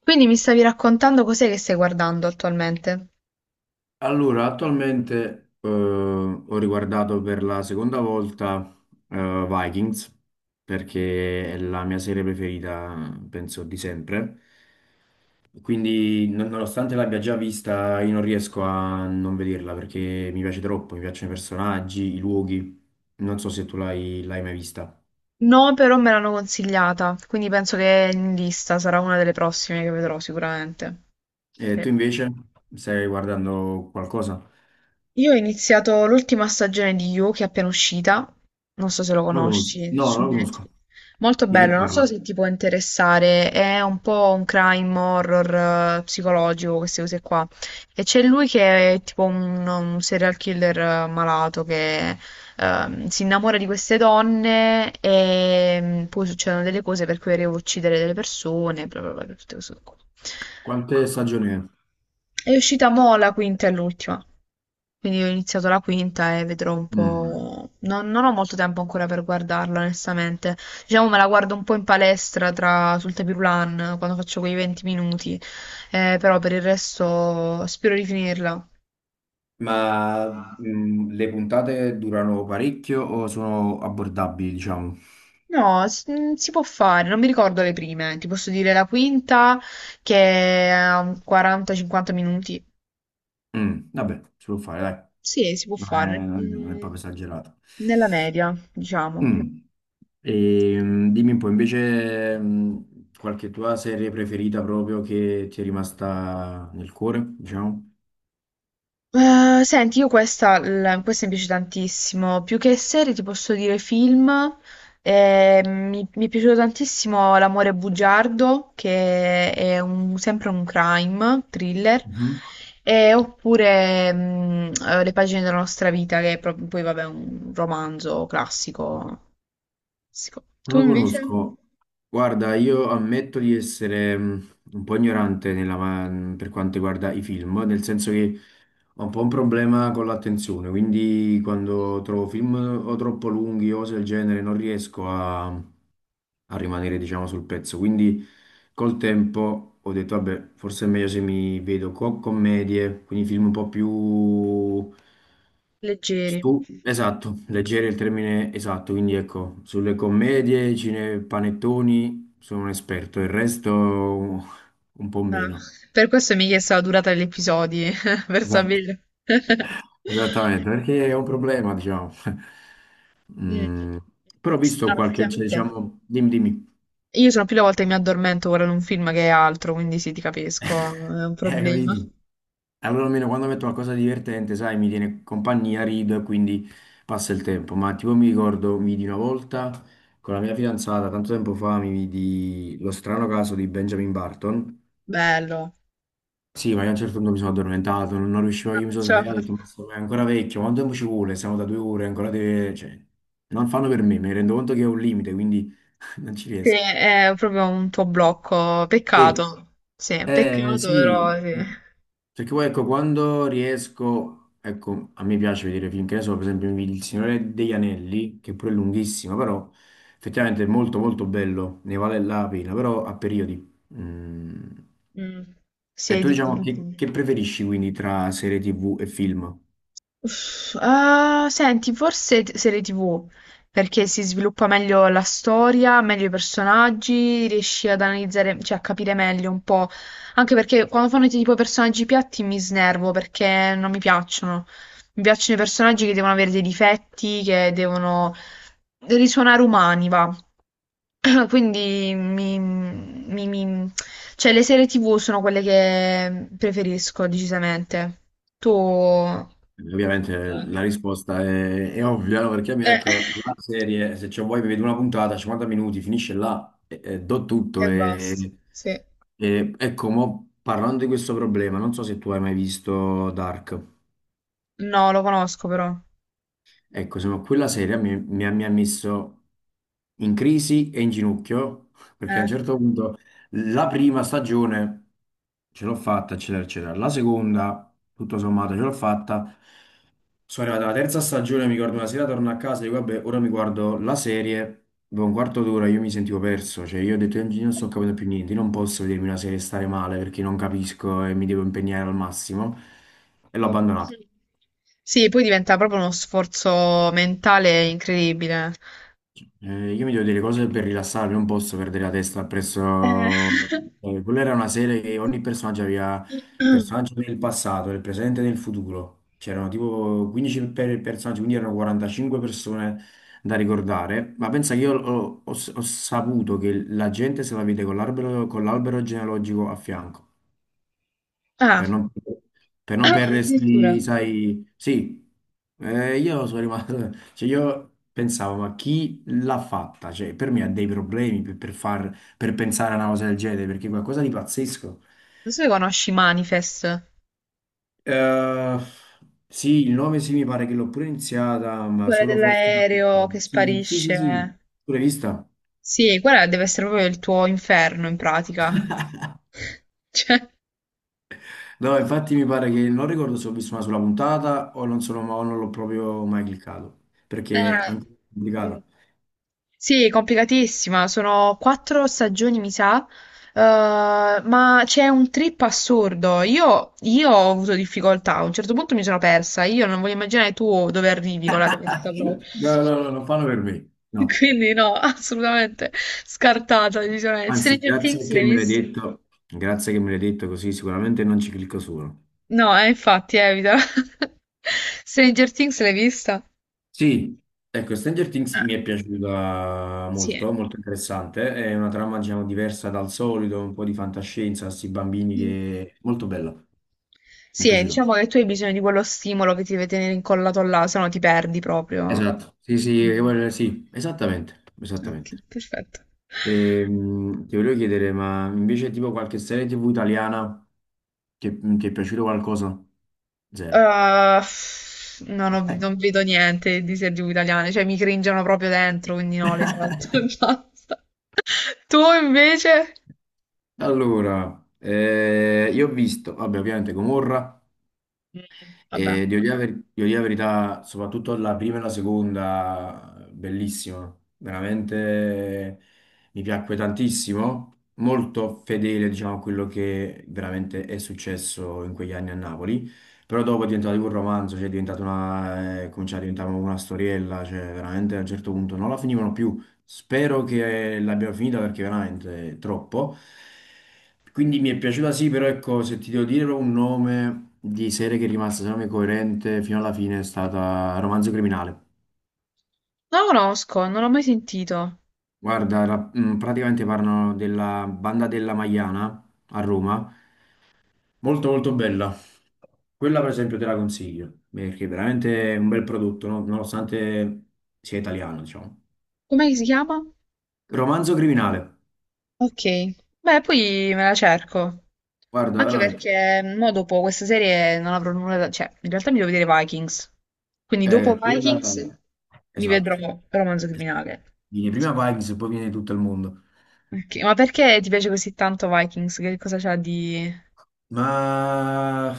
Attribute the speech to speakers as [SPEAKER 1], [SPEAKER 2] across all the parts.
[SPEAKER 1] Quindi mi stavi raccontando cos'è che stai guardando attualmente?
[SPEAKER 2] Allora, attualmente ho riguardato per la seconda volta Vikings perché è la mia serie preferita, penso, di sempre. Quindi, nonostante l'abbia già vista, io non riesco a non vederla perché mi piace troppo, mi piacciono i personaggi, i luoghi. Non so se tu l'hai mai vista.
[SPEAKER 1] No, però me l'hanno consigliata, quindi penso che è in lista, sarà una delle prossime che vedrò sicuramente.
[SPEAKER 2] E
[SPEAKER 1] Sì.
[SPEAKER 2] tu invece stai guardando qualcosa?
[SPEAKER 1] Io ho iniziato l'ultima stagione di You che è appena uscita, non so se lo
[SPEAKER 2] Non la conosco.
[SPEAKER 1] conosci,
[SPEAKER 2] No, non
[SPEAKER 1] su
[SPEAKER 2] la conosco.
[SPEAKER 1] Netflix. Molto
[SPEAKER 2] Di che
[SPEAKER 1] bello, non so
[SPEAKER 2] parla?
[SPEAKER 1] se ti può interessare, è un po' un crime horror psicologico, queste cose qua. E c'è lui che è tipo un serial killer malato che si innamora di queste donne e poi succedono delle cose per cui arriva a uccidere delle persone, bla bla bla, tutte queste cose qua.
[SPEAKER 2] Quante stagioni è?
[SPEAKER 1] È uscita mo la quinta e l'ultima. Quindi ho iniziato la quinta e vedrò un
[SPEAKER 2] Mm.
[SPEAKER 1] po'. Non ho molto tempo ancora per guardarla, onestamente. Diciamo me la guardo un po' in palestra tra, sul tapis roulant, quando faccio quei 20 minuti. Però per il resto spero di finirla.
[SPEAKER 2] Ma le puntate durano parecchio o sono abbordabili, diciamo?
[SPEAKER 1] No, si può fare, non mi ricordo le prime. Ti posso dire la quinta che ha un 40-50 minuti.
[SPEAKER 2] Mm, vabbè, si può fare, dai.
[SPEAKER 1] Sì, si può
[SPEAKER 2] Non
[SPEAKER 1] fare.
[SPEAKER 2] è, non è
[SPEAKER 1] Mm.
[SPEAKER 2] proprio esagerato.
[SPEAKER 1] Nella media, diciamo.
[SPEAKER 2] Mm, e, dimmi un po', invece, qualche tua serie preferita proprio che ti è rimasta nel cuore, diciamo?
[SPEAKER 1] Senti, io questa, questa mi piace tantissimo, più che serie ti posso dire film. Mi è piaciuto tantissimo L'amore bugiardo, che è sempre un crime thriller.
[SPEAKER 2] Mhm.
[SPEAKER 1] Oppure Le pagine della nostra vita, che è proprio, poi vabbè, un romanzo classico. Classico.
[SPEAKER 2] Non
[SPEAKER 1] Tu
[SPEAKER 2] lo
[SPEAKER 1] invece?
[SPEAKER 2] conosco. Guarda, io ammetto di essere un po' ignorante nella per quanto riguarda i film, nel senso che ho un po' un problema con l'attenzione, quindi quando trovo film o troppo lunghi o cose del genere non riesco a, a rimanere, diciamo, sul pezzo. Quindi col tempo ho detto, vabbè, forse è meglio se mi vedo commedie, quindi film un po' più...
[SPEAKER 1] Leggeri.
[SPEAKER 2] esatto, leggeri è il termine esatto, quindi ecco, sulle commedie, cine, panettoni sono un esperto, il resto un po'
[SPEAKER 1] Ah,
[SPEAKER 2] meno.
[SPEAKER 1] per questo mi hai chiesto la durata degli episodi, per sapere.
[SPEAKER 2] Esattamente, perché è un problema, diciamo.
[SPEAKER 1] Mm.
[SPEAKER 2] Mm, però ho visto qualche, cioè,
[SPEAKER 1] Straziante.
[SPEAKER 2] diciamo, dimmi, dimmi.
[SPEAKER 1] Io sono più le volte che mi addormento guardando un film che è altro, quindi sì, ti capisco, è un
[SPEAKER 2] Hai
[SPEAKER 1] problema.
[SPEAKER 2] capito? Allora almeno quando metto qualcosa di divertente, sai, mi tiene compagnia, rido e quindi passa il tempo. Ma tipo mi ricordo, mi vidi una volta con la mia fidanzata, tanto tempo fa, mi vidi lo strano caso di Benjamin Barton.
[SPEAKER 1] Bello.
[SPEAKER 2] Sì, ma io a un certo punto mi sono addormentato, non, non riuscivo, io mi sono
[SPEAKER 1] Cioè,
[SPEAKER 2] svegliato e ho detto, ma è ancora vecchio, quanto tempo ci vuole? Siamo da 2 ore, ancora deve... Cioè, non fanno per me, mi rendo conto che è un limite, quindi non ci
[SPEAKER 1] sì,
[SPEAKER 2] riesco.
[SPEAKER 1] è proprio un tuo blocco.
[SPEAKER 2] Sì.
[SPEAKER 1] Peccato. Sì, peccato,
[SPEAKER 2] Sì,
[SPEAKER 1] però sì.
[SPEAKER 2] perché poi ecco, quando riesco, ecco, a me piace vedere film, che ne so, per esempio Il Signore degli Anelli, che pure è lunghissimo, però effettivamente è molto molto bello, ne vale la pena, però a periodi. Mm.
[SPEAKER 1] Mm.
[SPEAKER 2] E
[SPEAKER 1] Sì,
[SPEAKER 2] tu
[SPEAKER 1] di...
[SPEAKER 2] diciamo che preferisci quindi tra serie TV e film?
[SPEAKER 1] Uff, ah, senti, serie TV, perché si sviluppa meglio la storia, meglio i personaggi, riesci ad analizzare, cioè a capire meglio un po'. Anche perché quando fanno tipo personaggi piatti mi snervo perché non mi piacciono. Mi piacciono i personaggi che devono avere dei difetti, che devono risuonare umani, va. Quindi mi, mi- mi- cioè le serie TV sono quelle che preferisco decisamente. Tu...
[SPEAKER 2] Ovviamente la risposta è ovvia, no? Perché a me
[SPEAKER 1] Eh,
[SPEAKER 2] ecco, la serie, se c'ho voglia mi vedo una puntata, 50 minuti, finisce là, e do
[SPEAKER 1] e
[SPEAKER 2] tutto.
[SPEAKER 1] basta.
[SPEAKER 2] E,
[SPEAKER 1] Sì.
[SPEAKER 2] ecco, mo, parlando di questo problema, non so se tu hai mai visto Dark.
[SPEAKER 1] No, lo conosco però.
[SPEAKER 2] Ecco, insomma, quella serie mi ha messo in crisi e in ginocchio, perché a
[SPEAKER 1] Eh.
[SPEAKER 2] un certo punto la prima stagione ce l'ho fatta, eccetera, eccetera. La seconda, tutto sommato, ce l'ho fatta. Sono arrivato alla terza stagione, mi ricordo una sera torno a casa e dico, vabbè, ora mi guardo la serie. Dopo un quarto d'ora io mi sentivo perso, cioè io ho detto, "Io non sto capendo più niente, io non posso vedermi una serie e stare male perché non capisco e mi devo impegnare al massimo." E l'ho abbandonato.
[SPEAKER 1] Sì, poi diventa proprio uno sforzo mentale incredibile.
[SPEAKER 2] Io mi devo dire cose per rilassarmi, non posso perdere la testa
[SPEAKER 1] Eh.
[SPEAKER 2] presso... quella era una serie che ogni personaggio aveva personaggio del passato, del presente e del futuro. C'erano tipo 15 per personaggi, quindi erano 45 persone da ricordare. Ma pensa che io ho saputo che la gente se la vede con l'albero genealogico a fianco per
[SPEAKER 1] Ah,
[SPEAKER 2] non, per non
[SPEAKER 1] addirittura.
[SPEAKER 2] perdersi,
[SPEAKER 1] Non
[SPEAKER 2] sai, sì. Io sono rimasto, cioè io pensavo, ma chi l'ha fatta? Cioè, per me ha dei problemi per, per pensare a una cosa del genere, perché è qualcosa di pazzesco.
[SPEAKER 1] so se conosci Manifest,
[SPEAKER 2] Eh, sì, il 9 sì, mi pare che l'ho pure iniziata, ma
[SPEAKER 1] quella
[SPEAKER 2] solo forse una
[SPEAKER 1] dell'aereo
[SPEAKER 2] puntata.
[SPEAKER 1] che
[SPEAKER 2] Sì, sì, sì, sì,
[SPEAKER 1] sparisce.
[SPEAKER 2] pure vista.
[SPEAKER 1] Sì, quella deve essere proprio il tuo inferno in pratica. Cioè...
[SPEAKER 2] No, infatti mi pare che non ricordo se ho visto una sola puntata o non, sono, o non l'ho proprio mai cliccato, perché è anche
[SPEAKER 1] Eh, mm.
[SPEAKER 2] complicato.
[SPEAKER 1] Sì, complicatissima, sono 4 stagioni, mi sa, ma c'è un trip assurdo. Io ho avuto difficoltà, a un certo punto mi sono persa, io non voglio immaginare tu dove arrivi con la tua testa proprio.
[SPEAKER 2] No, no, no, non fanno per me, no.
[SPEAKER 1] Quindi no, assolutamente scartata, decisamente.
[SPEAKER 2] Anzi,
[SPEAKER 1] Stranger
[SPEAKER 2] grazie
[SPEAKER 1] Things
[SPEAKER 2] che
[SPEAKER 1] l'hai
[SPEAKER 2] me l'hai
[SPEAKER 1] vista?
[SPEAKER 2] detto, grazie che me l'hai detto così sicuramente non ci clicco solo.
[SPEAKER 1] No, infatti, evita. Stranger Things l'hai vista?
[SPEAKER 2] Sì, ecco, Stranger Things
[SPEAKER 1] Ah,
[SPEAKER 2] mi è piaciuta
[SPEAKER 1] sì.
[SPEAKER 2] molto, molto interessante, è una trama, diciamo, diversa dal solito, un po' di fantascienza, questi bambini che... molto bella, mi è
[SPEAKER 1] Sì,
[SPEAKER 2] piaciuta.
[SPEAKER 1] diciamo che tu hai bisogno di quello stimolo che ti deve tenere incollato là, se no ti perdi proprio.
[SPEAKER 2] Esatto, sì, sì,
[SPEAKER 1] Mm.
[SPEAKER 2] sì, esattamente,
[SPEAKER 1] Ok,
[SPEAKER 2] esattamente.
[SPEAKER 1] perfetto.
[SPEAKER 2] Ti volevo chiedere, ma invece tipo qualche serie TV italiana che ti è piaciuto qualcosa? Zero.
[SPEAKER 1] Uh, non vedo niente di serie TV italiane, cioè mi cringiano proprio dentro, quindi no, le salto e basta. Tu invece?
[SPEAKER 2] Allora, io ho visto, vabbè, ovviamente Gomorra,
[SPEAKER 1] Mm. Vabbè.
[SPEAKER 2] e devo dire, devo dire la verità, soprattutto la prima e la seconda, bellissima, veramente mi piacque tantissimo, molto fedele, diciamo, a quello che veramente è successo in quegli anni a Napoli, però dopo è diventato un romanzo, cioè è diventata una, cominciava a diventare una storiella, cioè veramente a un certo punto non la finivano più. Spero che l'abbiamo finita perché veramente è troppo. Quindi mi è piaciuta sì, però ecco, se ti devo dire un nome di serie che è rimasta, secondo me, coerente fino alla fine è stata Romanzo Criminale.
[SPEAKER 1] Non lo conosco, non l'ho mai sentito.
[SPEAKER 2] Guarda, mm, praticamente parlano della banda della Magliana a Roma, molto molto bella. Quella per esempio te la consiglio, perché veramente è un bel prodotto, no? Nonostante sia italiano, diciamo.
[SPEAKER 1] Com'è che si chiama?
[SPEAKER 2] Romanzo Criminale,
[SPEAKER 1] Ok, beh, poi me la cerco.
[SPEAKER 2] guarda,
[SPEAKER 1] Anche
[SPEAKER 2] veramente.
[SPEAKER 1] perché mo dopo questa serie non avrò nulla da... Cioè, in realtà mi devo vedere Vikings. Quindi dopo
[SPEAKER 2] Quella...
[SPEAKER 1] Vikings mi vedrò
[SPEAKER 2] Esatto.
[SPEAKER 1] Romanzo Criminale.
[SPEAKER 2] Viene prima Vikings e poi viene tutto il mondo.
[SPEAKER 1] Ok, ma perché ti piace così tanto Vikings? Che cosa c'ha di...
[SPEAKER 2] Ma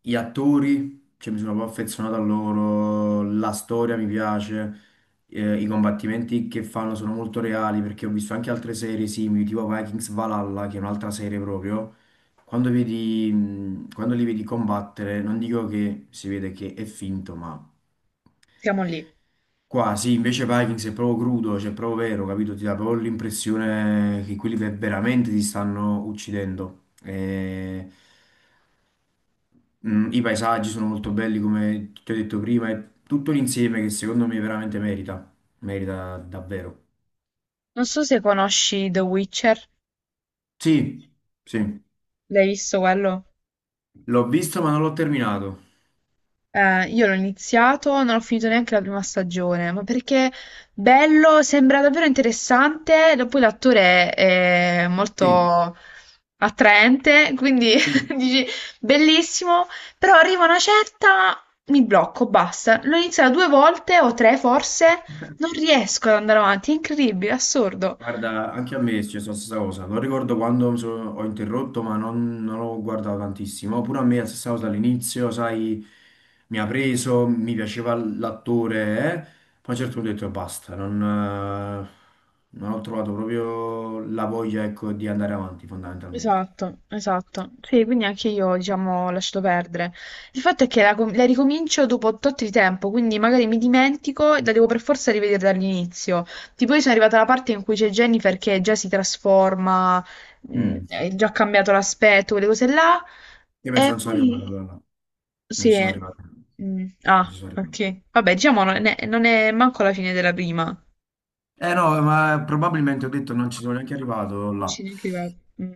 [SPEAKER 2] gli attori, cioè, mi sono proprio affezionato a loro, la storia mi piace, i combattimenti che fanno sono molto reali perché ho visto anche altre serie simili, tipo Vikings Valhalla, che è un'altra serie proprio. Quando vedi, quando li vedi combattere, non dico che si vede che è finto, ma
[SPEAKER 1] Siamo lì.
[SPEAKER 2] qua sì, invece Vikings è proprio crudo, cioè è proprio vero, capito? Ti dà proprio l'impressione che quelli veramente ti stanno uccidendo. E, mm, i paesaggi sono molto belli, come ti ho detto prima, è tutto l'insieme che secondo me veramente merita, merita davvero.
[SPEAKER 1] Non so se conosci The Witcher.
[SPEAKER 2] Sì, sì,
[SPEAKER 1] L'hai visto quello?
[SPEAKER 2] l'ho visto ma non l'ho terminato.
[SPEAKER 1] Io l'ho iniziato, non ho finito neanche la 1ª stagione, ma perché bello, sembra davvero interessante, e poi l'attore è
[SPEAKER 2] Sì,
[SPEAKER 1] molto attraente, quindi
[SPEAKER 2] sì.
[SPEAKER 1] dici bellissimo, però arriva una certa, mi blocco, basta. L'ho iniziato due volte o tre forse, non riesco ad andare avanti, è incredibile, assurdo.
[SPEAKER 2] Guarda, anche a me è successa la stessa cosa. Non ricordo quando ho interrotto, ma non, non ho guardato tantissimo. Pure a me è la stessa cosa all'inizio, sai, mi ha preso, mi piaceva l'attore, eh. Poi a un certo punto ho detto basta, non, non ho trovato proprio la voglia, ecco, di andare avanti fondamentalmente.
[SPEAKER 1] Esatto, esatto. Sì, quindi anche io, diciamo, ho lasciato perdere. Il fatto è che la ricomincio dopo tot di tempo, quindi magari mi dimentico e la devo per forza rivedere dall'inizio. Tipo, io sono arrivata alla parte in cui c'è Jennifer che già si trasforma,
[SPEAKER 2] Mm.
[SPEAKER 1] è già cambiato l'aspetto, quelle cose là.
[SPEAKER 2] Io penso
[SPEAKER 1] E
[SPEAKER 2] non sono arrivato
[SPEAKER 1] poi...
[SPEAKER 2] là. Non
[SPEAKER 1] Sì.
[SPEAKER 2] ci sono arrivato.
[SPEAKER 1] Mm,
[SPEAKER 2] Non ci
[SPEAKER 1] ah,
[SPEAKER 2] sono arrivato.
[SPEAKER 1] ok. Vabbè, diciamo, non è manco la fine della prima. Non
[SPEAKER 2] Eh no, ma probabilmente ho detto non ci sono neanche arrivato là.
[SPEAKER 1] ci neanche arrivato. Mm.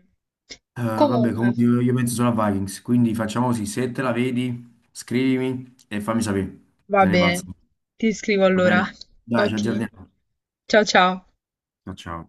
[SPEAKER 2] Vabbè,
[SPEAKER 1] Comunque.
[SPEAKER 2] comunque io penso solo a Vikings, quindi facciamo così, se te la vedi, scrivimi e fammi sapere
[SPEAKER 1] Va
[SPEAKER 2] se ne valsa.
[SPEAKER 1] bene, ti scrivo
[SPEAKER 2] Va
[SPEAKER 1] allora.
[SPEAKER 2] bene? Dai, ci
[SPEAKER 1] Ok.
[SPEAKER 2] aggiorniamo.
[SPEAKER 1] Ciao ciao.
[SPEAKER 2] Ciao ciao.